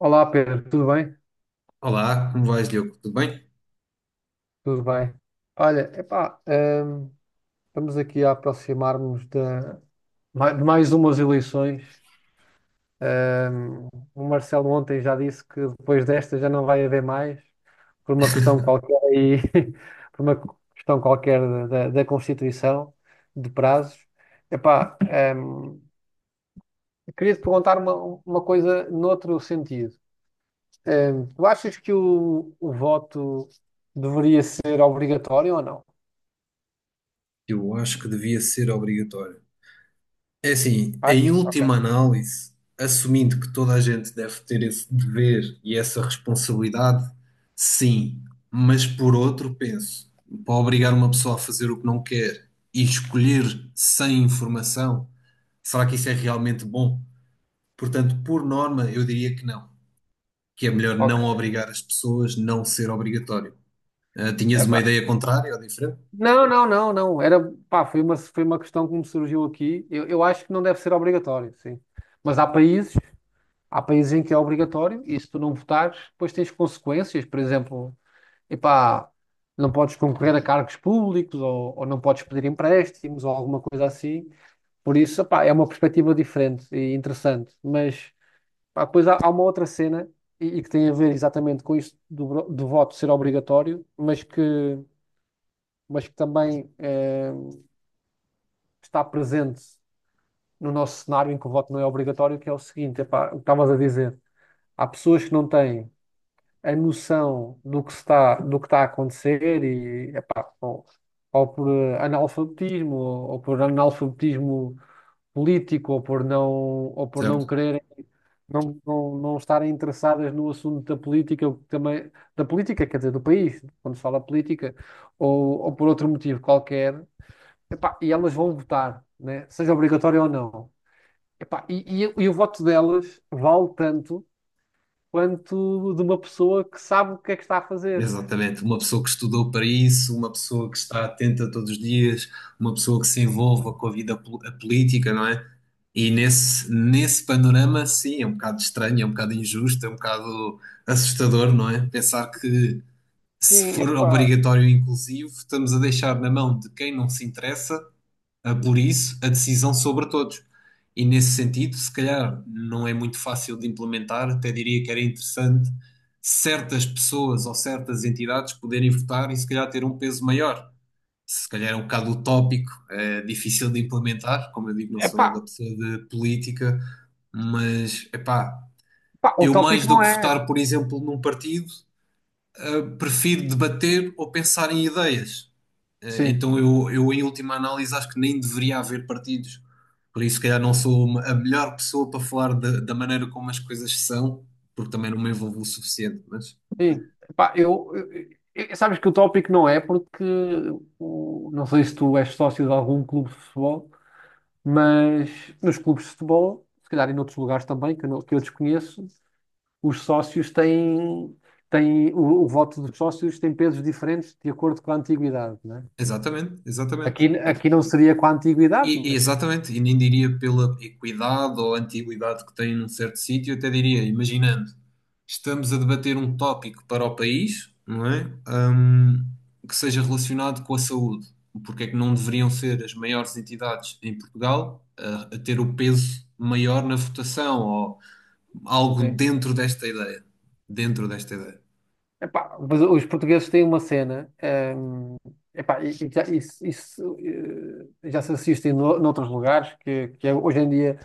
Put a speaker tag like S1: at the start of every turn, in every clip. S1: Olá Pedro, tudo bem?
S2: Olá, como vais, Diogo? Tudo bem?
S1: Tudo bem. Olha, epá, hum, estamos aqui a aproximar-nos de, de mais umas eleições. Hum, o Marcelo ontem já disse que depois desta já não vai haver mais, por uma questão qualquer aí, por uma questão qualquer da Constituição, de prazos. Epá, hum, queria te perguntar uma coisa noutro sentido. Tu achas que o voto deveria ser obrigatório ou não?
S2: Eu acho que devia ser obrigatório. É assim,
S1: Faz?
S2: em
S1: Ok.
S2: última análise, assumindo que toda a gente deve ter esse dever e essa responsabilidade, sim, mas por outro, penso, para obrigar uma pessoa a fazer o que não quer e escolher sem informação, será que isso é realmente bom? Portanto, por norma, eu diria que não, que é melhor
S1: Ok.
S2: não obrigar as pessoas, não ser obrigatório. Ah, tinhas uma
S1: Epá.
S2: ideia contrária ou diferente,
S1: Não, não, não, não. Era, pá, foi uma questão que me surgiu aqui. Eu acho que não deve ser obrigatório, sim. Mas há países, há países em que é obrigatório e se tu não votares, depois tens consequências. Por exemplo, epá, não podes concorrer a cargos públicos ou não podes pedir empréstimos ou alguma coisa assim. Por isso, epá, é uma perspectiva diferente e interessante. Mas, pá, depois há uma outra cena e que tem a ver exatamente com isto do, do voto ser obrigatório, mas que também está presente no nosso cenário em que o voto não é obrigatório, que é o seguinte, epá, o que estavas a dizer, há pessoas que não têm a noção do que está a acontecer e, epá, ou por analfabetismo, ou por analfabetismo político, ou por não
S2: certo?
S1: querer não, não estarem interessadas no assunto da política, o que também, da política, quer dizer, do país, quando se fala política, ou por outro motivo qualquer. Epá, e elas vão votar, né? Seja obrigatório ou não. Epá, e o voto delas vale tanto quanto de uma pessoa que sabe o que é que está a fazer.
S2: Exatamente, uma pessoa que estudou para isso, uma pessoa que está atenta todos os dias, uma pessoa que se envolva com a política, não é? E nesse panorama, sim, é um bocado estranho, é um bocado injusto, é um bocado assustador, não é? Pensar que se
S1: Sim,
S2: for
S1: epá,
S2: obrigatório e inclusivo, estamos a deixar na mão de quem não se interessa a, por isso, a decisão sobre todos. E nesse sentido, se calhar não é muito fácil de implementar, até diria que era interessante certas pessoas ou certas entidades poderem votar e se calhar ter um peso maior. Se calhar é um bocado utópico, é difícil de implementar, como eu digo, não sou
S1: epá,
S2: nada pessoa de política, mas epá,
S1: epá, o
S2: eu
S1: tópico
S2: mais do
S1: não
S2: que
S1: é.
S2: votar, por exemplo, num partido, prefiro debater ou pensar em ideias.
S1: Sim,
S2: Então eu, em última análise, acho que nem deveria haver partidos. Por isso, se calhar, não sou a melhor pessoa para falar da maneira como as coisas são, porque também não me envolvo o suficiente. Mas
S1: sim. Epá, sabes que o tópico não é porque não sei se tu és sócio de algum clube de futebol, mas nos clubes de futebol, se calhar em outros lugares também, que eu, que eu desconheço, os sócios têm, têm o voto dos sócios tem pesos diferentes de acordo com a antiguidade, né?
S2: exatamente, exatamente.
S1: Aqui não seria com a antiguidade,
S2: E
S1: mas,
S2: exatamente, e nem diria pela equidade ou antiguidade que tem num certo sítio, até diria, imaginando, estamos a debater um tópico para o país, não é? Que seja relacionado com a saúde. Porque é que não deveriam ser as maiores entidades em Portugal a ter o peso maior na votação ou algo
S1: sim.
S2: dentro desta ideia? Dentro desta ideia.
S1: Epá, mas os portugueses têm uma cena, hum, epá, e já, isso, já se assiste em noutros lugares, que é hoje em dia,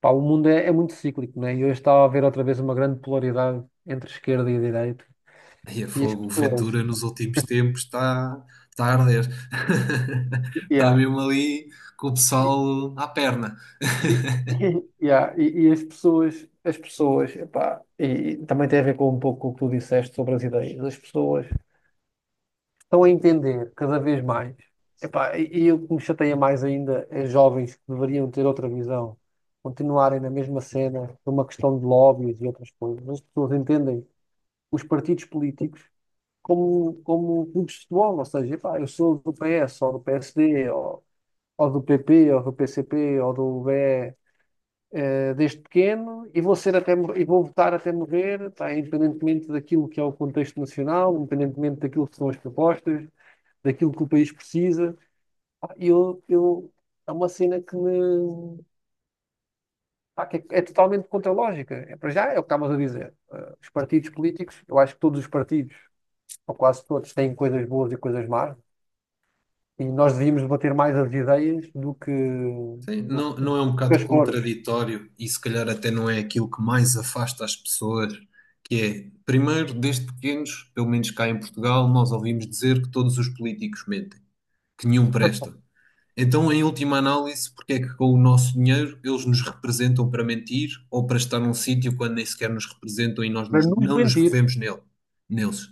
S1: pá, o mundo é, é muito cíclico, né? E hoje está a haver outra vez uma grande polaridade entre esquerda e direita.
S2: Aí a
S1: E as
S2: fogo, o
S1: pessoas.
S2: Ventura nos últimos tempos está tá a arder. Está
S1: Yeah.
S2: mesmo ali com o pessoal à perna.
S1: E, e, yeah, e as pessoas, epá, e também tem a ver com um pouco o que tu disseste sobre as ideias. As pessoas estão a entender cada vez mais. Epá, e o que me chateia mais ainda é jovens que deveriam ter outra visão, continuarem na mesma cena, por uma questão de lobbies e outras coisas. As pessoas entendem os partidos políticos como, como clubes de futebol, ou seja, epá, eu sou do PS, ou do PSD, ou do PP, ou do PCP, ou do BE desde pequeno e vou ser até e vou votar até morrer, pá, independentemente daquilo que é o contexto nacional, independentemente daquilo que são as propostas, daquilo que o país precisa. Pá, é uma cena que me. Pá, que é totalmente contra a lógica. É, para já é o que estavas a dizer. Os partidos políticos, eu acho que todos os partidos, ou quase todos, têm coisas boas e coisas más. E nós devíamos debater mais as ideias do
S2: Sim, não,
S1: do
S2: não é um
S1: que
S2: bocado
S1: as cores.
S2: contraditório e se calhar até não é aquilo que mais afasta as pessoas, que é, primeiro, desde pequenos, pelo menos cá em Portugal, nós ouvimos dizer que todos os políticos mentem, que nenhum presta. Então, em última análise, porque é que com o nosso dinheiro eles nos representam para mentir ou para estar num sítio quando nem sequer nos representam e nós
S1: Para
S2: nos-
S1: nos
S2: não nos
S1: mentir,
S2: revemos nele, neles?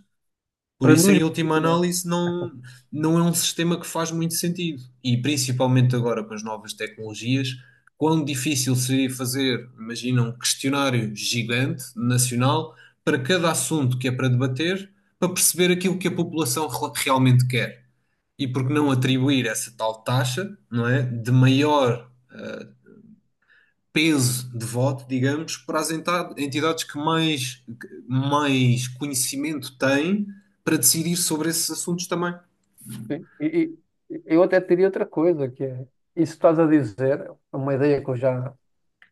S2: Por
S1: para nos
S2: isso, em última
S1: mentir, né?
S2: análise, não, não é um sistema que faz muito sentido. E principalmente agora com as novas tecnologias, quão difícil seria fazer, imagina, um questionário gigante, nacional, para cada assunto que é para debater, para perceber aquilo que a população realmente quer e porque não atribuir essa tal taxa, não é, de maior peso de voto, digamos, para as entidades que mais conhecimento têm para decidir sobre esses assuntos também.
S1: Sim. E eu até teria outra coisa, que é, isso que estás a dizer, é uma ideia que eu já,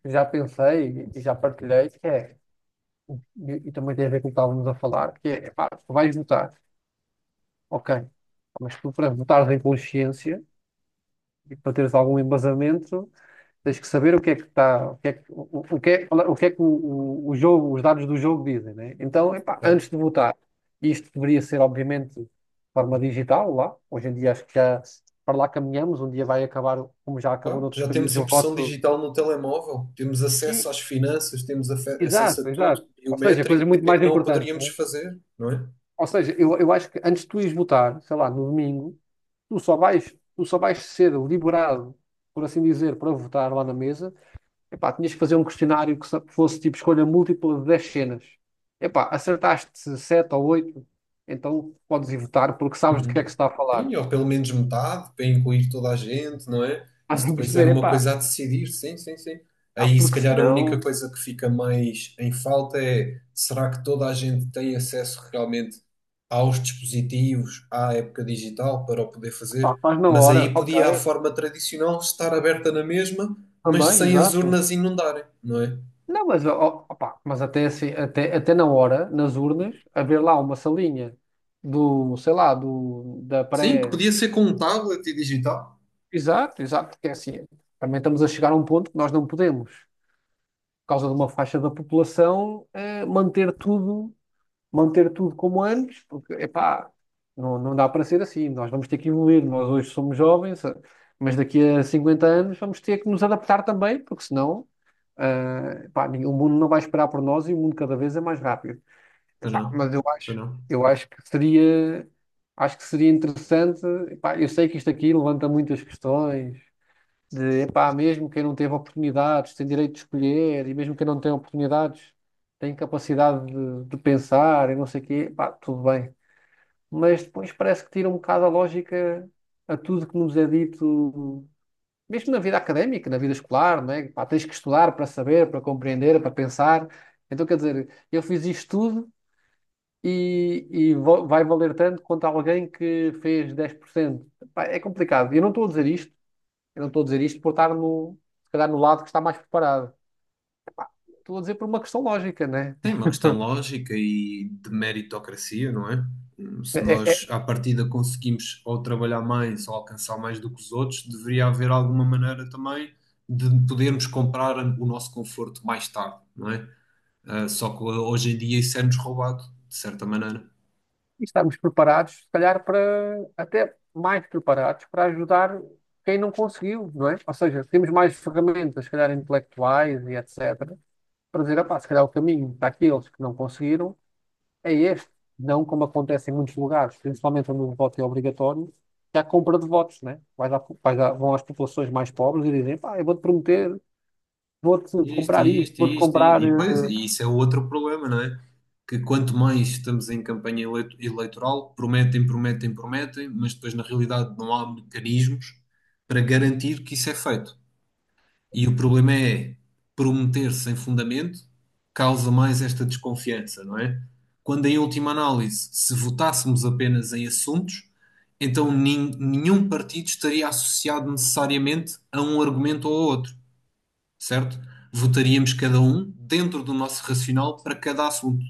S1: já pensei e já partilhei, que é, e também tem a ver com o que estávamos a falar, que é, pá, tu vais votar, ok, mas tu para votares em consciência e para teres algum embasamento, tens que saber o que é que está, o que é que, o, que é, o que é que o jogo, os dados do jogo dizem, né? Então, epá, antes
S2: Certo.
S1: de votar, isto deveria ser, obviamente, de forma digital lá. Hoje em dia acho que já para lá caminhamos, um dia vai acabar, como já acabou
S2: Pá,
S1: noutros
S2: já temos
S1: países, o
S2: impressão
S1: voto.
S2: digital no telemóvel, temos acesso
S1: Sim,
S2: às finanças, temos acesso a
S1: exato,
S2: tudo,
S1: exato. Ou seja,
S2: biométrico,
S1: coisas muito
S2: porque é
S1: mais
S2: que não o
S1: importantes,
S2: poderíamos
S1: né?
S2: fazer, não é?
S1: Ou seja, eu acho que antes de tu ires votar, sei lá, no domingo, tu só vais ser liberado, por assim dizer, para votar lá na mesa. Epá, tinhas que fazer um questionário que que fosse tipo escolha múltipla de 10 cenas. Epá, acertaste 7 ou oito, então podes ir votar porque sabes do que
S2: Uhum.
S1: é que se está a falar.
S2: Sim, ou pelo menos metade, para incluir toda a gente, não é? Isso
S1: Estás a
S2: depois era
S1: perceber?
S2: uma
S1: Epá,
S2: coisa a decidir, sim, sim, sim.
S1: ah,
S2: Aí, se
S1: porque
S2: calhar, a única
S1: senão,
S2: coisa que fica mais em falta é será que toda a gente tem acesso realmente aos dispositivos, à época digital, para o poder
S1: pá,
S2: fazer?
S1: faz na
S2: Mas
S1: hora,
S2: aí
S1: ok,
S2: podia a forma tradicional estar aberta na mesma, mas
S1: também,
S2: sem as
S1: exato.
S2: urnas inundarem, não é?
S1: Não, mas, ó, ó, pá, mas até, assim, até na hora, nas urnas, haver lá uma salinha do, sei lá, do, da
S2: Sim, que
S1: pré.
S2: podia ser com um tablet e digital.
S1: Exato, exato, porque é assim, também estamos a chegar a um ponto que nós não podemos. Por causa de uma faixa da população, manter tudo como antes, porque, epá, não, não dá para ser assim. Nós vamos ter que evoluir. Nós hoje somos jovens, mas daqui a 50 anos vamos ter que nos adaptar também, porque senão, epá, o mundo não vai esperar por nós e o mundo cada vez é mais rápido.
S2: Para
S1: Epá,
S2: não,
S1: mas eu
S2: para
S1: acho,
S2: não.
S1: eu acho que seria, acho que seria interessante. Epá, eu sei que isto aqui levanta muitas questões. De, epá, mesmo quem não teve oportunidades tem direito de escolher, e mesmo quem não tem oportunidades tem capacidade de pensar e não sei o quê, pá, tudo bem. Mas depois parece que tira um bocado a lógica a tudo que nos é dito, mesmo na vida académica, na vida escolar, não é? Pá, tens que estudar para saber, para compreender, para pensar. Então, quer dizer, eu fiz isto tudo e, vai valer tanto quanto alguém que fez 10%. Pá, é complicado. Eu não estou a dizer isto por estar no, se calhar no lado que está mais preparado. Estou a dizer por uma questão lógica, né?
S2: Tem uma questão lógica e de meritocracia, não é?
S1: É,
S2: Se
S1: é,
S2: nós, à partida, conseguimos ou trabalhar mais ou alcançar mais do que os outros, deveria haver alguma maneira também de podermos comprar o nosso conforto mais tarde, não é? Ah, só que hoje em dia isso é-nos roubado, de certa maneira.
S1: estamos preparados, se calhar, para até mais preparados para ajudar quem não conseguiu, não é? Ou seja, temos mais ferramentas, se calhar intelectuais e etc., para dizer, "Epá, se calhar o caminho daqueles que não conseguiram é este, não como acontece em muitos lugares, principalmente onde o voto é obrigatório, que há compra de votos, né? Vão às populações mais pobres e dizem, pá, eu vou-te prometer vou-te
S2: Isto,
S1: comprar isto,
S2: isto,
S1: vou-te
S2: isto, isto.
S1: comprar.
S2: E pois, e isso é outro problema, não é? Que quanto mais estamos em eleitoral, prometem, prometem, prometem, mas depois na realidade não há mecanismos para garantir que isso é feito. E o problema é prometer sem fundamento causa mais esta desconfiança, não é? Quando em última análise, se votássemos apenas em assuntos, então nenhum partido estaria associado necessariamente a um argumento ou a outro certo? Votaríamos cada um dentro do nosso racional para cada assunto.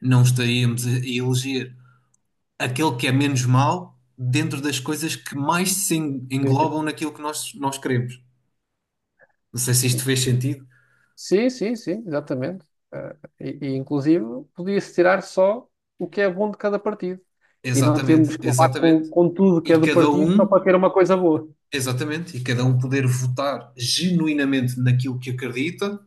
S2: Não estaríamos a eleger aquele que é menos mau dentro das coisas que mais se englobam naquilo que nós queremos. Não sei se isto fez sentido.
S1: Sim, sim, sim, exatamente. Eh, e, inclusive, podia-se tirar só o que é bom de cada partido. E não temos
S2: Exatamente,
S1: que levar
S2: exatamente.
S1: com tudo que
S2: E
S1: é do
S2: cada
S1: partido só para
S2: um,
S1: ter uma coisa boa.
S2: exatamente, e cada um poder votar genuinamente naquilo que acredita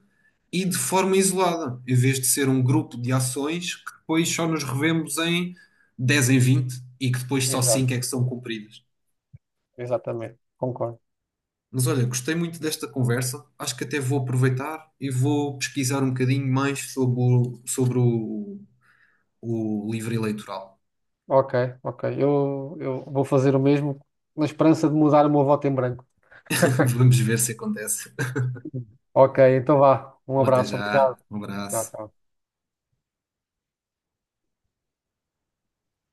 S2: e de forma isolada, em vez de ser um grupo de ações que depois só nos revemos em 10 em 20 e que depois só
S1: Exato,
S2: 5 é que são cumpridas.
S1: exatamente, concordo.
S2: Mas olha, gostei muito desta conversa. Acho que até vou aproveitar e vou pesquisar um bocadinho mais sobre o, sobre o livro eleitoral.
S1: Ok, ok. Eu vou fazer o mesmo na esperança de mudar o meu voto em branco.
S2: Vamos ver se acontece.
S1: Ok, então vá. Um
S2: Um até
S1: abraço,
S2: já,
S1: obrigado.
S2: um
S1: Tchau,
S2: abraço.
S1: tchau.